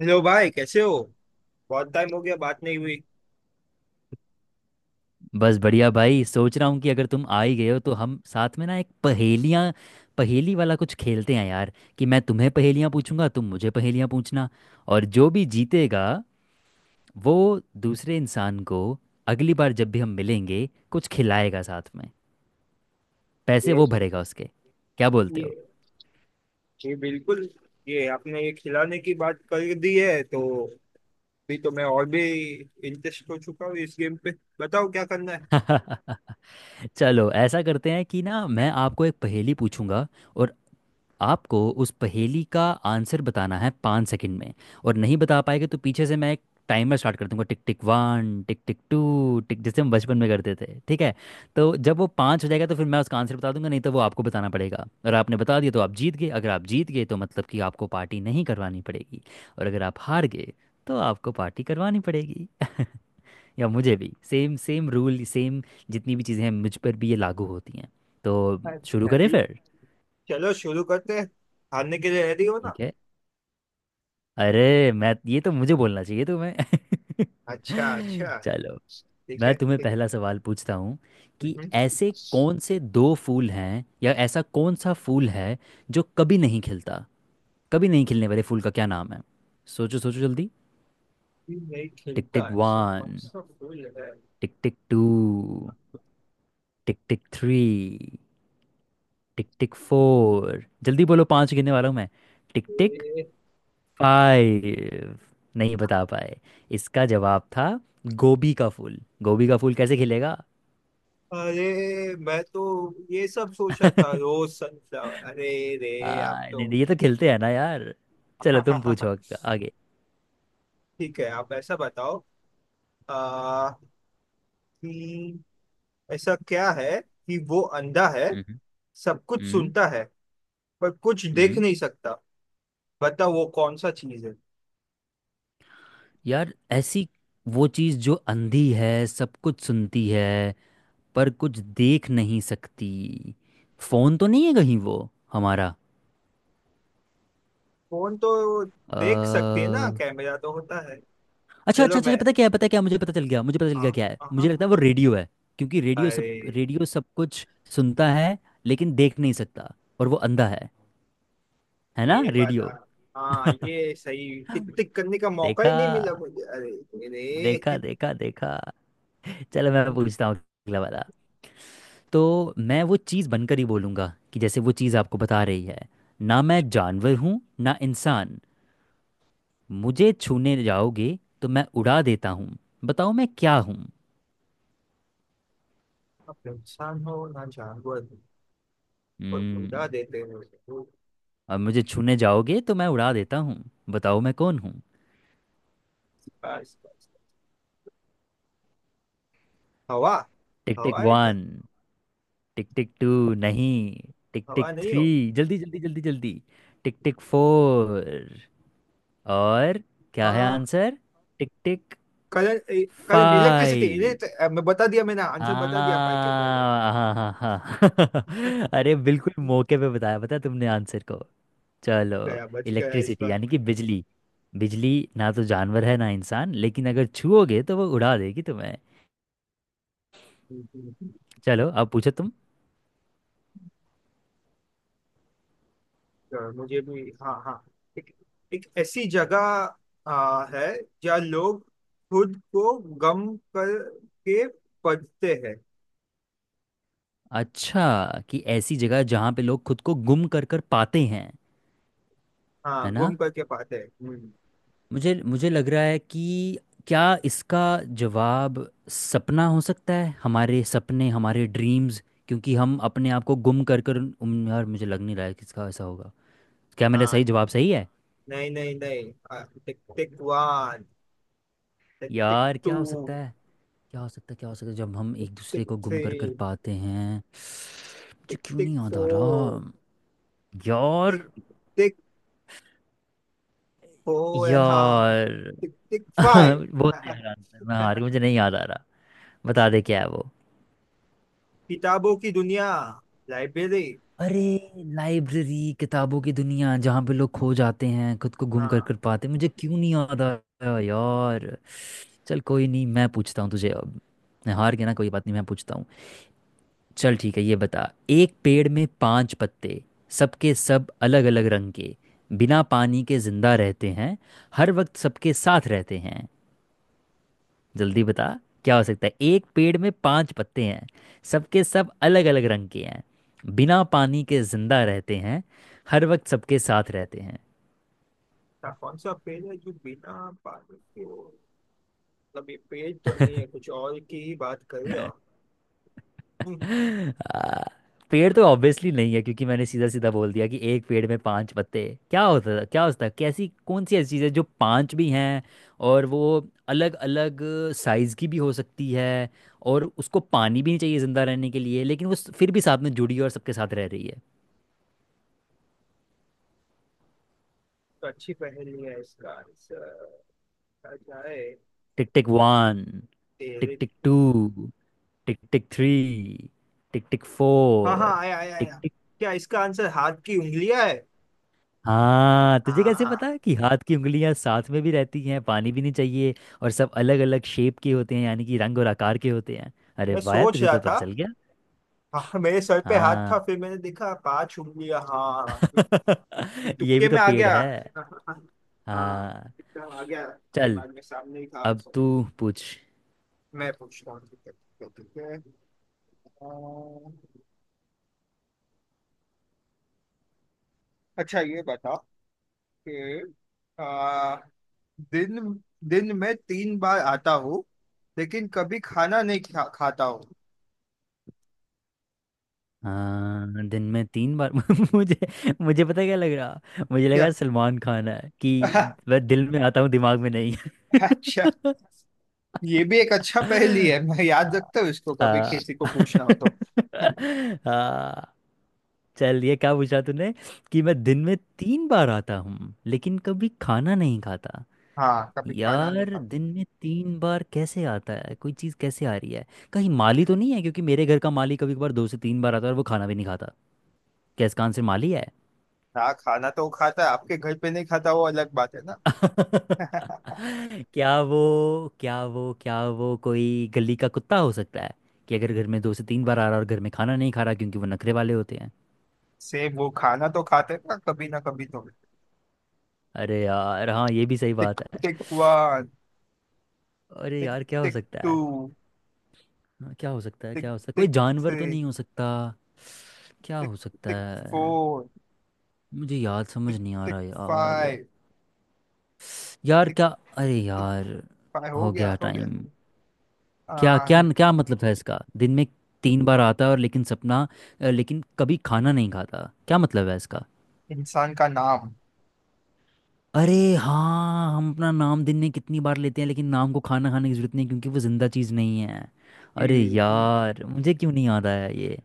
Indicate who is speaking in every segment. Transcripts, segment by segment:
Speaker 1: Hello भाई, कैसे हो। बहुत टाइम हो गया, बात नहीं हुई।
Speaker 2: बस बढ़िया भाई, सोच रहा हूँ कि अगर तुम आ ही गए हो तो हम साथ में ना एक पहेलियाँ पहेली वाला कुछ खेलते हैं यार। कि मैं तुम्हें पहेलियाँ पूछूंगा, तुम मुझे पहेलियाँ पूछना। और जो भी जीतेगा वो दूसरे इंसान को अगली बार जब भी हम मिलेंगे कुछ खिलाएगा, साथ में पैसे
Speaker 1: ये
Speaker 2: वो भरेगा उसके। क्या बोलते
Speaker 1: ये
Speaker 2: हो?
Speaker 1: ये बिल्कुल। ये आपने ये खिलाने की बात कर दी है, तो भी तो मैं और भी इंटरेस्ट हो चुका हूँ इस गेम पे। बताओ क्या करना है।
Speaker 2: चलो ऐसा करते हैं कि ना, मैं आपको एक पहेली पूछूंगा और आपको उस पहेली का आंसर बताना है 5 सेकंड में। और नहीं बता पाएंगे तो पीछे से मैं एक टाइमर स्टार्ट कर दूंगा, tick tick one, tick tick two, tick, जैसे हम बचपन में करते थे, ठीक है? तो जब वो पाँच हो जाएगा तो फिर मैं उसका आंसर बता दूंगा, नहीं तो वो आपको बताना पड़ेगा। और आपने बता दिया तो आप जीत गए। अगर आप जीत गए तो मतलब कि आपको पार्टी नहीं करवानी पड़ेगी। और अगर आप हार गए तो आपको पार्टी करवानी पड़ेगी। या मुझे भी सेम सेम रूल, सेम जितनी भी चीज़ें हैं मुझ पर भी ये लागू होती हैं तो। शुरू
Speaker 1: अच्छा
Speaker 2: करें
Speaker 1: ठीक।
Speaker 2: फिर?
Speaker 1: चलो शुरू करते हैं। हारने के लिए रेडी हो ना।
Speaker 2: ठीक है। अरे, मैं ये तो मुझे बोलना चाहिए तुम्हें।
Speaker 1: अच्छा, अच्छा।
Speaker 2: चलो,
Speaker 1: ठीक
Speaker 2: मैं
Speaker 1: है,
Speaker 2: तुम्हें
Speaker 1: ठीक है।
Speaker 2: पहला सवाल पूछता हूँ
Speaker 1: हम्म,
Speaker 2: कि
Speaker 1: हम्म।
Speaker 2: ऐसे कौन से दो फूल हैं या ऐसा कौन सा फूल है जो कभी नहीं खिलता? कभी नहीं खिलने वाले फूल का क्या नाम है? सोचो सोचो जल्दी।
Speaker 1: ये नहीं
Speaker 2: टिक
Speaker 1: खिलता,
Speaker 2: टिक
Speaker 1: ऐसा
Speaker 2: वन,
Speaker 1: कौन सा फूल है?
Speaker 2: Tick tick two, tick tick three, tick tick four, जल्दी बोलो, पांच गिनने वाला हूँ मैं। टिक टिक
Speaker 1: ये-
Speaker 2: फाइव। नहीं बता पाए। इसका जवाब था गोभी का फूल। गोभी का फूल कैसे खिलेगा?
Speaker 1: अरे, मैं तो ये सब सोचा था, रोज, सनफ्लावर। अरे
Speaker 2: आ,
Speaker 1: रे, आप तो।
Speaker 2: नहीं, नहीं, ये तो खिलते हैं ना यार। चलो
Speaker 1: हाँ, हाँ,
Speaker 2: तुम
Speaker 1: हाँ,
Speaker 2: पूछो
Speaker 1: हाँ।
Speaker 2: आगे।
Speaker 1: ठीक है, आप ऐसा बताओ। आ, कि ऐसा क्या है कि वो अंधा है,
Speaker 2: हम्म।
Speaker 1: सब कुछ
Speaker 2: हम्म।
Speaker 1: सुनता है, पर कुछ देख
Speaker 2: हम्म।
Speaker 1: नहीं सकता। बताओ वो कौन सा चीज है?
Speaker 2: यार ऐसी वो चीज जो अंधी है, सब कुछ सुनती है पर कुछ देख नहीं सकती। फोन तो नहीं है कहीं वो हमारा?
Speaker 1: फोन तो
Speaker 2: अ,
Speaker 1: देख सकती है ना, कैमरा तो होता है।
Speaker 2: अच्छा अच्छा
Speaker 1: चलो
Speaker 2: अच्छा,
Speaker 1: मैं।
Speaker 2: पता क्या है, मुझे पता चल गया मुझे पता चल
Speaker 1: हाँ,
Speaker 2: गया क्या है।
Speaker 1: हाँ, हाँ,
Speaker 2: मुझे लगता है वो
Speaker 1: हाँ।
Speaker 2: रेडियो है, क्योंकि रेडियो सब
Speaker 1: अरे
Speaker 2: रेडियो सब कुछ सुनता है लेकिन देख नहीं सकता और वो अंधा है। है ना
Speaker 1: ये बात आ
Speaker 2: रेडियो?
Speaker 1: हाँ, ये सही। टिक टिक करने का मौका
Speaker 2: देखा
Speaker 1: ही नहीं मिला मुझे। अरे
Speaker 2: देखा
Speaker 1: मेरे।
Speaker 2: देखा देखा। चलो मैं पूछता हूँ अगला वाला। तो मैं वो चीज़ बनकर ही बोलूँगा कि जैसे वो चीज़ आपको बता रही है। ना मैं जानवर हूँ, ना इंसान। मुझे छूने जाओगे तो मैं उड़ा देता हूँ। बताओ मैं क्या हूँ?
Speaker 1: अब इंसान हो ना जानवर हो, तो उड़ा
Speaker 2: हम्म।
Speaker 1: देते हो।
Speaker 2: अब मुझे छूने जाओगे तो मैं उड़ा देता हूँ, बताओ मैं कौन हूँ?
Speaker 1: बस, बस। हवा।
Speaker 2: टिक टिक
Speaker 1: हवा है क्या?
Speaker 2: वन, टिक टिक टू, नहीं, टिक
Speaker 1: हवा
Speaker 2: टिक
Speaker 1: नहीं
Speaker 2: थ्री,
Speaker 1: हो?
Speaker 2: जल्दी जल्दी जल्दी जल्दी, टिक टिक फोर, और क्या है
Speaker 1: हाँ।
Speaker 2: Answer? Tick tick
Speaker 1: current, current electricity.
Speaker 2: Five.
Speaker 1: मैं बता दिया, मैंने आंसर बता दिया फाइव के पहले।
Speaker 2: हाँ हाँ हाँ हाँ अरे बिल्कुल मौके पे बताया, पता है तुमने आंसर को। चलो,
Speaker 1: गया, बच गया इस
Speaker 2: इलेक्ट्रिसिटी
Speaker 1: बार।
Speaker 2: यानी कि बिजली। बिजली ना तो जानवर है ना इंसान, लेकिन अगर छुओगे तो वो उड़ा देगी तुम्हें।
Speaker 1: तो
Speaker 2: चलो अब पूछो तुम।
Speaker 1: मुझे भी। हाँ, हाँ। एक, एक ऐसी जगह है, जहाँ लोग खुद को गम करके पढ़ते हैं।
Speaker 2: अच्छा, कि ऐसी जगह जहाँ पे लोग खुद को गुम कर कर पाते हैं? है
Speaker 1: हाँ,
Speaker 2: ना?
Speaker 1: गुम करके पाते हैं। हम्म।
Speaker 2: मुझे मुझे लग रहा है कि क्या इसका जवाब सपना हो सकता है, हमारे सपने, हमारे ड्रीम्स। क्योंकि हम अपने आप को गुम कर कर यार मुझे लग नहीं रहा है कि इसका ऐसा होगा। क्या मेरा
Speaker 1: हाँ,
Speaker 2: सही जवाब सही है?
Speaker 1: नहीं, नहीं, नहीं, टिक टिक वन। टिक टिक
Speaker 2: यार
Speaker 1: टू।
Speaker 2: क्या हो सकता है? क्या हो सकता है क्या हो सकता है? जब हम एक दूसरे
Speaker 1: टिक
Speaker 2: को गुम
Speaker 1: थ्री।
Speaker 2: कर कर पाते हैं, मुझे
Speaker 1: टिक
Speaker 2: क्यों
Speaker 1: टिक
Speaker 2: नहीं याद आ
Speaker 1: फोर।
Speaker 2: रहा? यार
Speaker 1: टिक टिक। ओ एंड हाँ।
Speaker 2: यार
Speaker 1: टिक टिक फाइव।
Speaker 2: बोल दे यार आंसर, मैं हार गई, मुझे नहीं याद आ रहा। बता दे क्या है वो।
Speaker 1: किताबों की दुनिया। लाइब्रेरी।
Speaker 2: अरे, लाइब्रेरी, किताबों की दुनिया, जहाँ पे लोग खो जाते हैं, खुद को गुम कर
Speaker 1: हाँ,
Speaker 2: कर पाते। मुझे क्यों नहीं याद आ रहा यार। चल कोई नहीं, मैं पूछता हूँ तुझे अब। मैं हार गया ना, कोई बात नहीं, मैं पूछता हूँ। चल ठीक है, ये बता, एक पेड़ में पांच पत्ते, सबके सब अलग अलग रंग के, बिना पानी के जिंदा रहते हैं, हर वक्त सबके साथ रहते हैं। जल्दी बता, क्या हो सकता है? एक पेड़ में पांच पत्ते हैं, सबके सब अलग अलग रंग के हैं, बिना पानी के जिंदा रहते हैं, हर वक्त सबके साथ रहते हैं।
Speaker 1: था कौन सा पेज है जो बिना पानी के हो? मतलब ये पेज तो नहीं है, कुछ और की ही बात कर रहे हो। हम्म।
Speaker 2: आ, पेड़ तो ऑब्वियसली नहीं है क्योंकि मैंने सीधा सीधा बोल दिया कि एक पेड़ में पांच पत्ते। क्या होता था क्या होता है? कैसी कौन सी ऐसी चीज़ है जो पांच भी हैं, और वो अलग अलग साइज की भी हो सकती है, और उसको पानी भी नहीं चाहिए जिंदा रहने के लिए, लेकिन वो फिर भी साथ में जुड़ी है और सबके साथ रह रही है।
Speaker 1: तो अच्छी पहेली है, इसका आंसर क्या जाए।
Speaker 2: टिक टिक
Speaker 1: तो
Speaker 2: वन, टिक
Speaker 1: तेरे tick
Speaker 2: tick
Speaker 1: tick.
Speaker 2: Two, tick tick three, tick tick
Speaker 1: हाँ, हाँ,
Speaker 2: फोर,
Speaker 1: आया, आया,
Speaker 2: टिक
Speaker 1: आया।
Speaker 2: टिक।
Speaker 1: क्या इसका आंसर हाथ की उंगलियां है?
Speaker 2: हाँ तुझे कैसे
Speaker 1: हाँ।
Speaker 2: पता कि हाथ की उंगलियां साथ में भी रहती हैं, पानी भी नहीं चाहिए, और सब अलग अलग शेप के होते हैं यानी कि रंग और आकार के होते हैं? अरे
Speaker 1: मैं
Speaker 2: वाह यार,
Speaker 1: सोच
Speaker 2: तुझे
Speaker 1: रहा
Speaker 2: तो पता
Speaker 1: था।
Speaker 2: चल गया।
Speaker 1: हाँ, मेरे सर पे हाथ था,
Speaker 2: हाँ।
Speaker 1: फिर मैंने देखा पांच उंगलियां। हाँ। ये
Speaker 2: ये
Speaker 1: तुक्के
Speaker 2: भी तो
Speaker 1: में आ
Speaker 2: पेड़
Speaker 1: गया।
Speaker 2: है।
Speaker 1: हाँ।
Speaker 2: हाँ।
Speaker 1: एकदम आ गया।
Speaker 2: चल
Speaker 1: दिमाग में सामने ही था
Speaker 2: अब
Speaker 1: आंसर।
Speaker 2: तू पूछ।
Speaker 1: मैं पूछता हूँ। ठीक है, ठीक है, ठीक है। अ, अच्छा ये बता कि अ, दिन दिन में 3 बार आता हूँ, लेकिन कभी खाना नहीं खाता हूँ।
Speaker 2: हाँ दिन में तीन बार। मुझे मुझे पता है क्या लग रहा, मुझे
Speaker 1: क्या?
Speaker 2: लगा सलमान खान है कि वह दिल में आता हूँ दिमाग में नहीं।
Speaker 1: अच्छा, ये भी एक अच्छा पहेली है, मैं याद
Speaker 2: हाँ।
Speaker 1: रखता हूँ इसको, कभी किसी
Speaker 2: हाँ।
Speaker 1: को पूछना हो तो।
Speaker 2: हाँ। चल ये क्या पूछा तूने कि मैं दिन में तीन बार आता हूँ लेकिन कभी खाना नहीं खाता?
Speaker 1: हाँ, कभी खाना नहीं
Speaker 2: यार
Speaker 1: खाता।
Speaker 2: दिन में तीन बार कैसे आता है? कोई चीज़ कैसे आ रही है? कहीं माली तो नहीं है, क्योंकि मेरे घर का माली कभी कभार दो से तीन बार आता है और वो खाना भी नहीं खाता। क्या इसका आंसर माली है?
Speaker 1: हाँ, खाना तो वो खाता है, आपके घर पे नहीं खाता वो अलग बात है ना।
Speaker 2: क्या वो कोई गली का कुत्ता हो सकता है, कि अगर घर में दो से तीन बार आ रहा और घर में खाना नहीं खा रहा क्योंकि वो नखरे वाले होते हैं?
Speaker 1: सेम, वो खाना तो खाते हैं ना कभी तो।
Speaker 2: अरे यार हाँ, ये भी सही
Speaker 1: टिक
Speaker 2: बात है।
Speaker 1: Tick one.
Speaker 2: अरे
Speaker 1: टिक
Speaker 2: यार क्या हो
Speaker 1: टिक
Speaker 2: सकता
Speaker 1: टू।
Speaker 2: है? हाँ, क्या हो सकता है? क्या
Speaker 1: टिक
Speaker 2: हो सकता है? कोई
Speaker 1: टिक
Speaker 2: जानवर तो
Speaker 1: थ्री।
Speaker 2: नहीं हो सकता? क्या
Speaker 1: टिक
Speaker 2: हो सकता
Speaker 1: टिक
Speaker 2: है?
Speaker 1: फोर।
Speaker 2: मुझे याद समझ
Speaker 1: टिक
Speaker 2: नहीं आ
Speaker 1: टिक
Speaker 2: रहा यार।
Speaker 1: फाइव।
Speaker 2: यार
Speaker 1: टिक
Speaker 2: क्या, अरे
Speaker 1: टिक
Speaker 2: यार।
Speaker 1: फाइव हो
Speaker 2: हो गया
Speaker 1: गया, हो गया।
Speaker 2: टाइम। क्या
Speaker 1: आ,
Speaker 2: क्या क्या मतलब था इसका, दिन में तीन बार आता है और लेकिन सपना, लेकिन कभी खाना नहीं खाता, क्या मतलब है इसका?
Speaker 1: इंसान का नाम।
Speaker 2: अरे हाँ, हम अपना नाम दिन में कितनी बार लेते हैं लेकिन नाम को खाना खाने की जरूरत नहीं क्योंकि वो जिंदा चीज़ नहीं है। अरे
Speaker 1: कि-
Speaker 2: यार मुझे क्यों नहीं याद आया ये।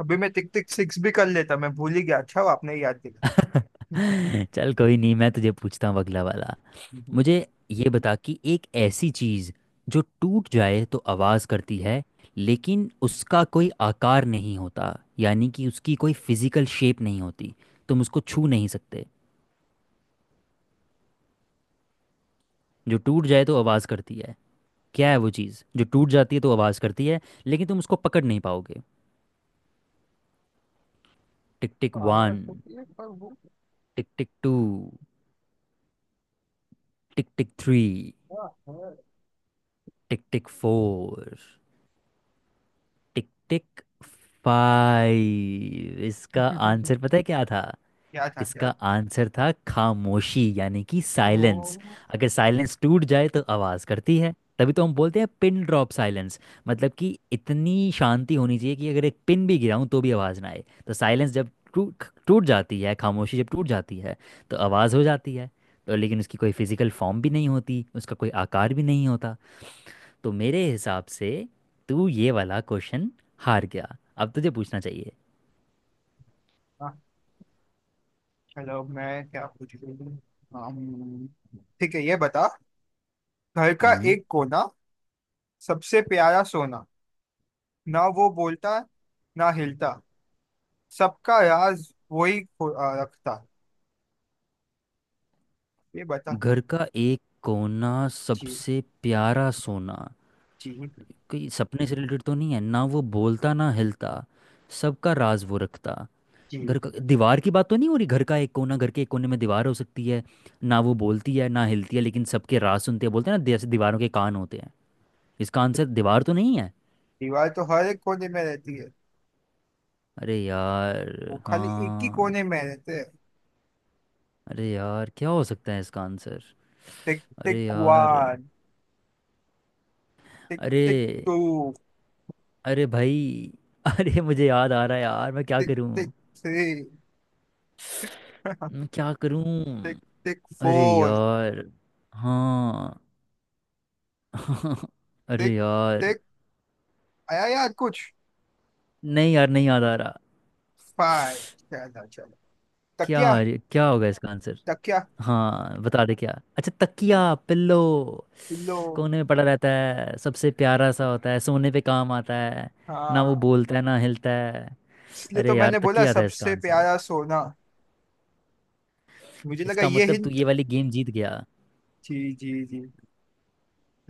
Speaker 1: अभी मैं टिक टिक सिक्स भी कर लेता, मैं भूल ही गया। अच्छा वो आपने याद दिला।
Speaker 2: चल कोई नहीं, मैं तुझे पूछता हूँ अगला वाला।
Speaker 1: हम्म।
Speaker 2: मुझे ये बता कि एक ऐसी चीज़ जो टूट जाए तो आवाज़ करती है, लेकिन उसका कोई आकार नहीं होता यानी कि उसकी कोई फिजिकल शेप नहीं होती, तुम उसको छू नहीं सकते। जो टूट जाए तो आवाज़ करती है, क्या है वो चीज़ जो टूट जाती है तो आवाज़ करती है लेकिन तुम उसको पकड़ नहीं पाओगे? टिक टिक
Speaker 1: तो आवाज
Speaker 2: वन,
Speaker 1: होती है, पर वो
Speaker 2: tick tick two, tick tick three,
Speaker 1: क्या है?
Speaker 2: Tick tick four, tick tick five. इसका आंसर पता है क्या था?
Speaker 1: क्या था, क्या
Speaker 2: इसका
Speaker 1: था?
Speaker 2: आंसर था खामोशी यानी कि साइलेंस।
Speaker 1: ओ।
Speaker 2: अगर साइलेंस टूट जाए तो आवाज़ करती है। तभी तो हम बोलते हैं पिन ड्रॉप साइलेंस, मतलब कि इतनी शांति होनी चाहिए कि अगर एक पिन भी गिराऊं तो भी आवाज़ ना आए। तो साइलेंस जब टूट टूट जाती है, खामोशी जब टूट जाती है तो आवाज़ हो जाती है। तो लेकिन उसकी कोई फिजिकल फॉर्म भी नहीं होती, उसका कोई आकार भी नहीं होता। तो मेरे हिसाब से तू ये वाला क्वेश्चन हार गया, अब तुझे पूछना चाहिए।
Speaker 1: चलो, मैं क्या पूछ रही हूँ। अम्म, ठीक है ये बता। घर का
Speaker 2: हम्म।
Speaker 1: एक कोना, सबसे प्यारा सोना, ना वो बोलता, ना हिलता, सबका राज वही रखता। ये बता।
Speaker 2: घर का एक कोना
Speaker 1: जी,
Speaker 2: सबसे प्यारा सोना?
Speaker 1: जी,
Speaker 2: कोई सपने से रिलेटेड तो नहीं है, ना वो बोलता ना हिलता, सबका राज वो रखता। घर
Speaker 1: जी।
Speaker 2: का दीवार की बात तो नहीं हो रही? घर का एक कोना, घर के एक कोने में दीवार हो सकती है, ना वो बोलती है ना हिलती है लेकिन सबके राज सुनते हैं। बोलते हैं ना जैसे दीवारों के कान होते हैं? इसका आंसर दीवार तो नहीं है?
Speaker 1: दीवार तो हर एक कोने में रहती है।
Speaker 2: अरे यार
Speaker 1: वो खाली एक ही
Speaker 2: हाँ।
Speaker 1: कोने में रहते हैं।
Speaker 2: अरे यार क्या हो सकता है इसका आंसर?
Speaker 1: टिक टिक
Speaker 2: अरे यार,
Speaker 1: वन। टिक
Speaker 2: अरे,
Speaker 1: टिक टू।
Speaker 2: अरे भाई। अरे मुझे याद आ रहा है यार, मैं क्या
Speaker 1: टिक
Speaker 2: करूं?
Speaker 1: Tick three.
Speaker 2: मैं क्या करूं?
Speaker 1: टिक टिक
Speaker 2: अरे
Speaker 1: फोर।
Speaker 2: यार हाँ। अरे
Speaker 1: टिक
Speaker 2: यार।
Speaker 1: टिक। आया यार कुछ।
Speaker 2: नहीं यार, नहीं याद आ रहा।
Speaker 1: फाइव। चलो, चलो।
Speaker 2: क्या?
Speaker 1: तकिया।
Speaker 2: अरे क्या होगा इसका आंसर?
Speaker 1: तकिया,
Speaker 2: हाँ बता दे क्या। अच्छा, तकिया, पिल्लो।
Speaker 1: पिल्लो।
Speaker 2: कोने में पड़ा रहता है, सबसे प्यारा सा होता है, सोने पे काम आता है। ना वो
Speaker 1: हाँ।
Speaker 2: बोलता है ना हिलता है।
Speaker 1: इसलिए
Speaker 2: अरे
Speaker 1: तो
Speaker 2: यार
Speaker 1: मैंने बोला
Speaker 2: तकिया था इसका
Speaker 1: सबसे
Speaker 2: आंसर?
Speaker 1: प्यारा सोना। मुझे लगा
Speaker 2: इसका
Speaker 1: ये
Speaker 2: मतलब तू
Speaker 1: हिंट।
Speaker 2: ये वाली गेम जीत गया।
Speaker 1: जी, जी, जी।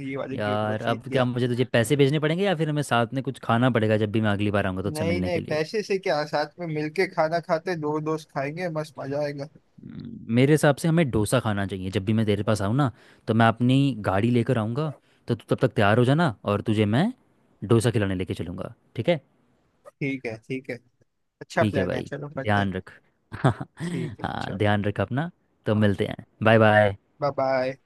Speaker 1: ये वाली गेम तो
Speaker 2: यार अब
Speaker 1: ठीक
Speaker 2: क्या
Speaker 1: गया।
Speaker 2: मुझे तुझे पैसे भेजने पड़ेंगे या फिर हमें साथ में कुछ खाना पड़ेगा जब भी मैं अगली बार आऊँगा तुझसे
Speaker 1: नहीं,
Speaker 2: मिलने
Speaker 1: नहीं,
Speaker 2: के लिए?
Speaker 1: पैसे से क्या, साथ में मिलके खाना खाते, दो दोस्त खाएंगे, मस्त मजा आएगा।
Speaker 2: मेरे हिसाब से हमें डोसा खाना चाहिए। जब भी मैं तेरे पास आऊँ ना तो मैं अपनी गाड़ी लेकर आऊँगा, तो तू तब तक तैयार हो जाना और तुझे मैं डोसा खिलाने लेके चलूँगा, ठीक है?
Speaker 1: ठीक है, ठीक है। अच्छा
Speaker 2: ठीक है
Speaker 1: प्लान है,
Speaker 2: भाई,
Speaker 1: चलो करते
Speaker 2: ध्यान
Speaker 1: हैं।
Speaker 2: रख।
Speaker 1: ठीक है,
Speaker 2: हाँ,
Speaker 1: चलो।
Speaker 2: ध्यान रख अपना। तो
Speaker 1: हाँ।
Speaker 2: मिलते हैं, बाय बाय।
Speaker 1: Bye, bye.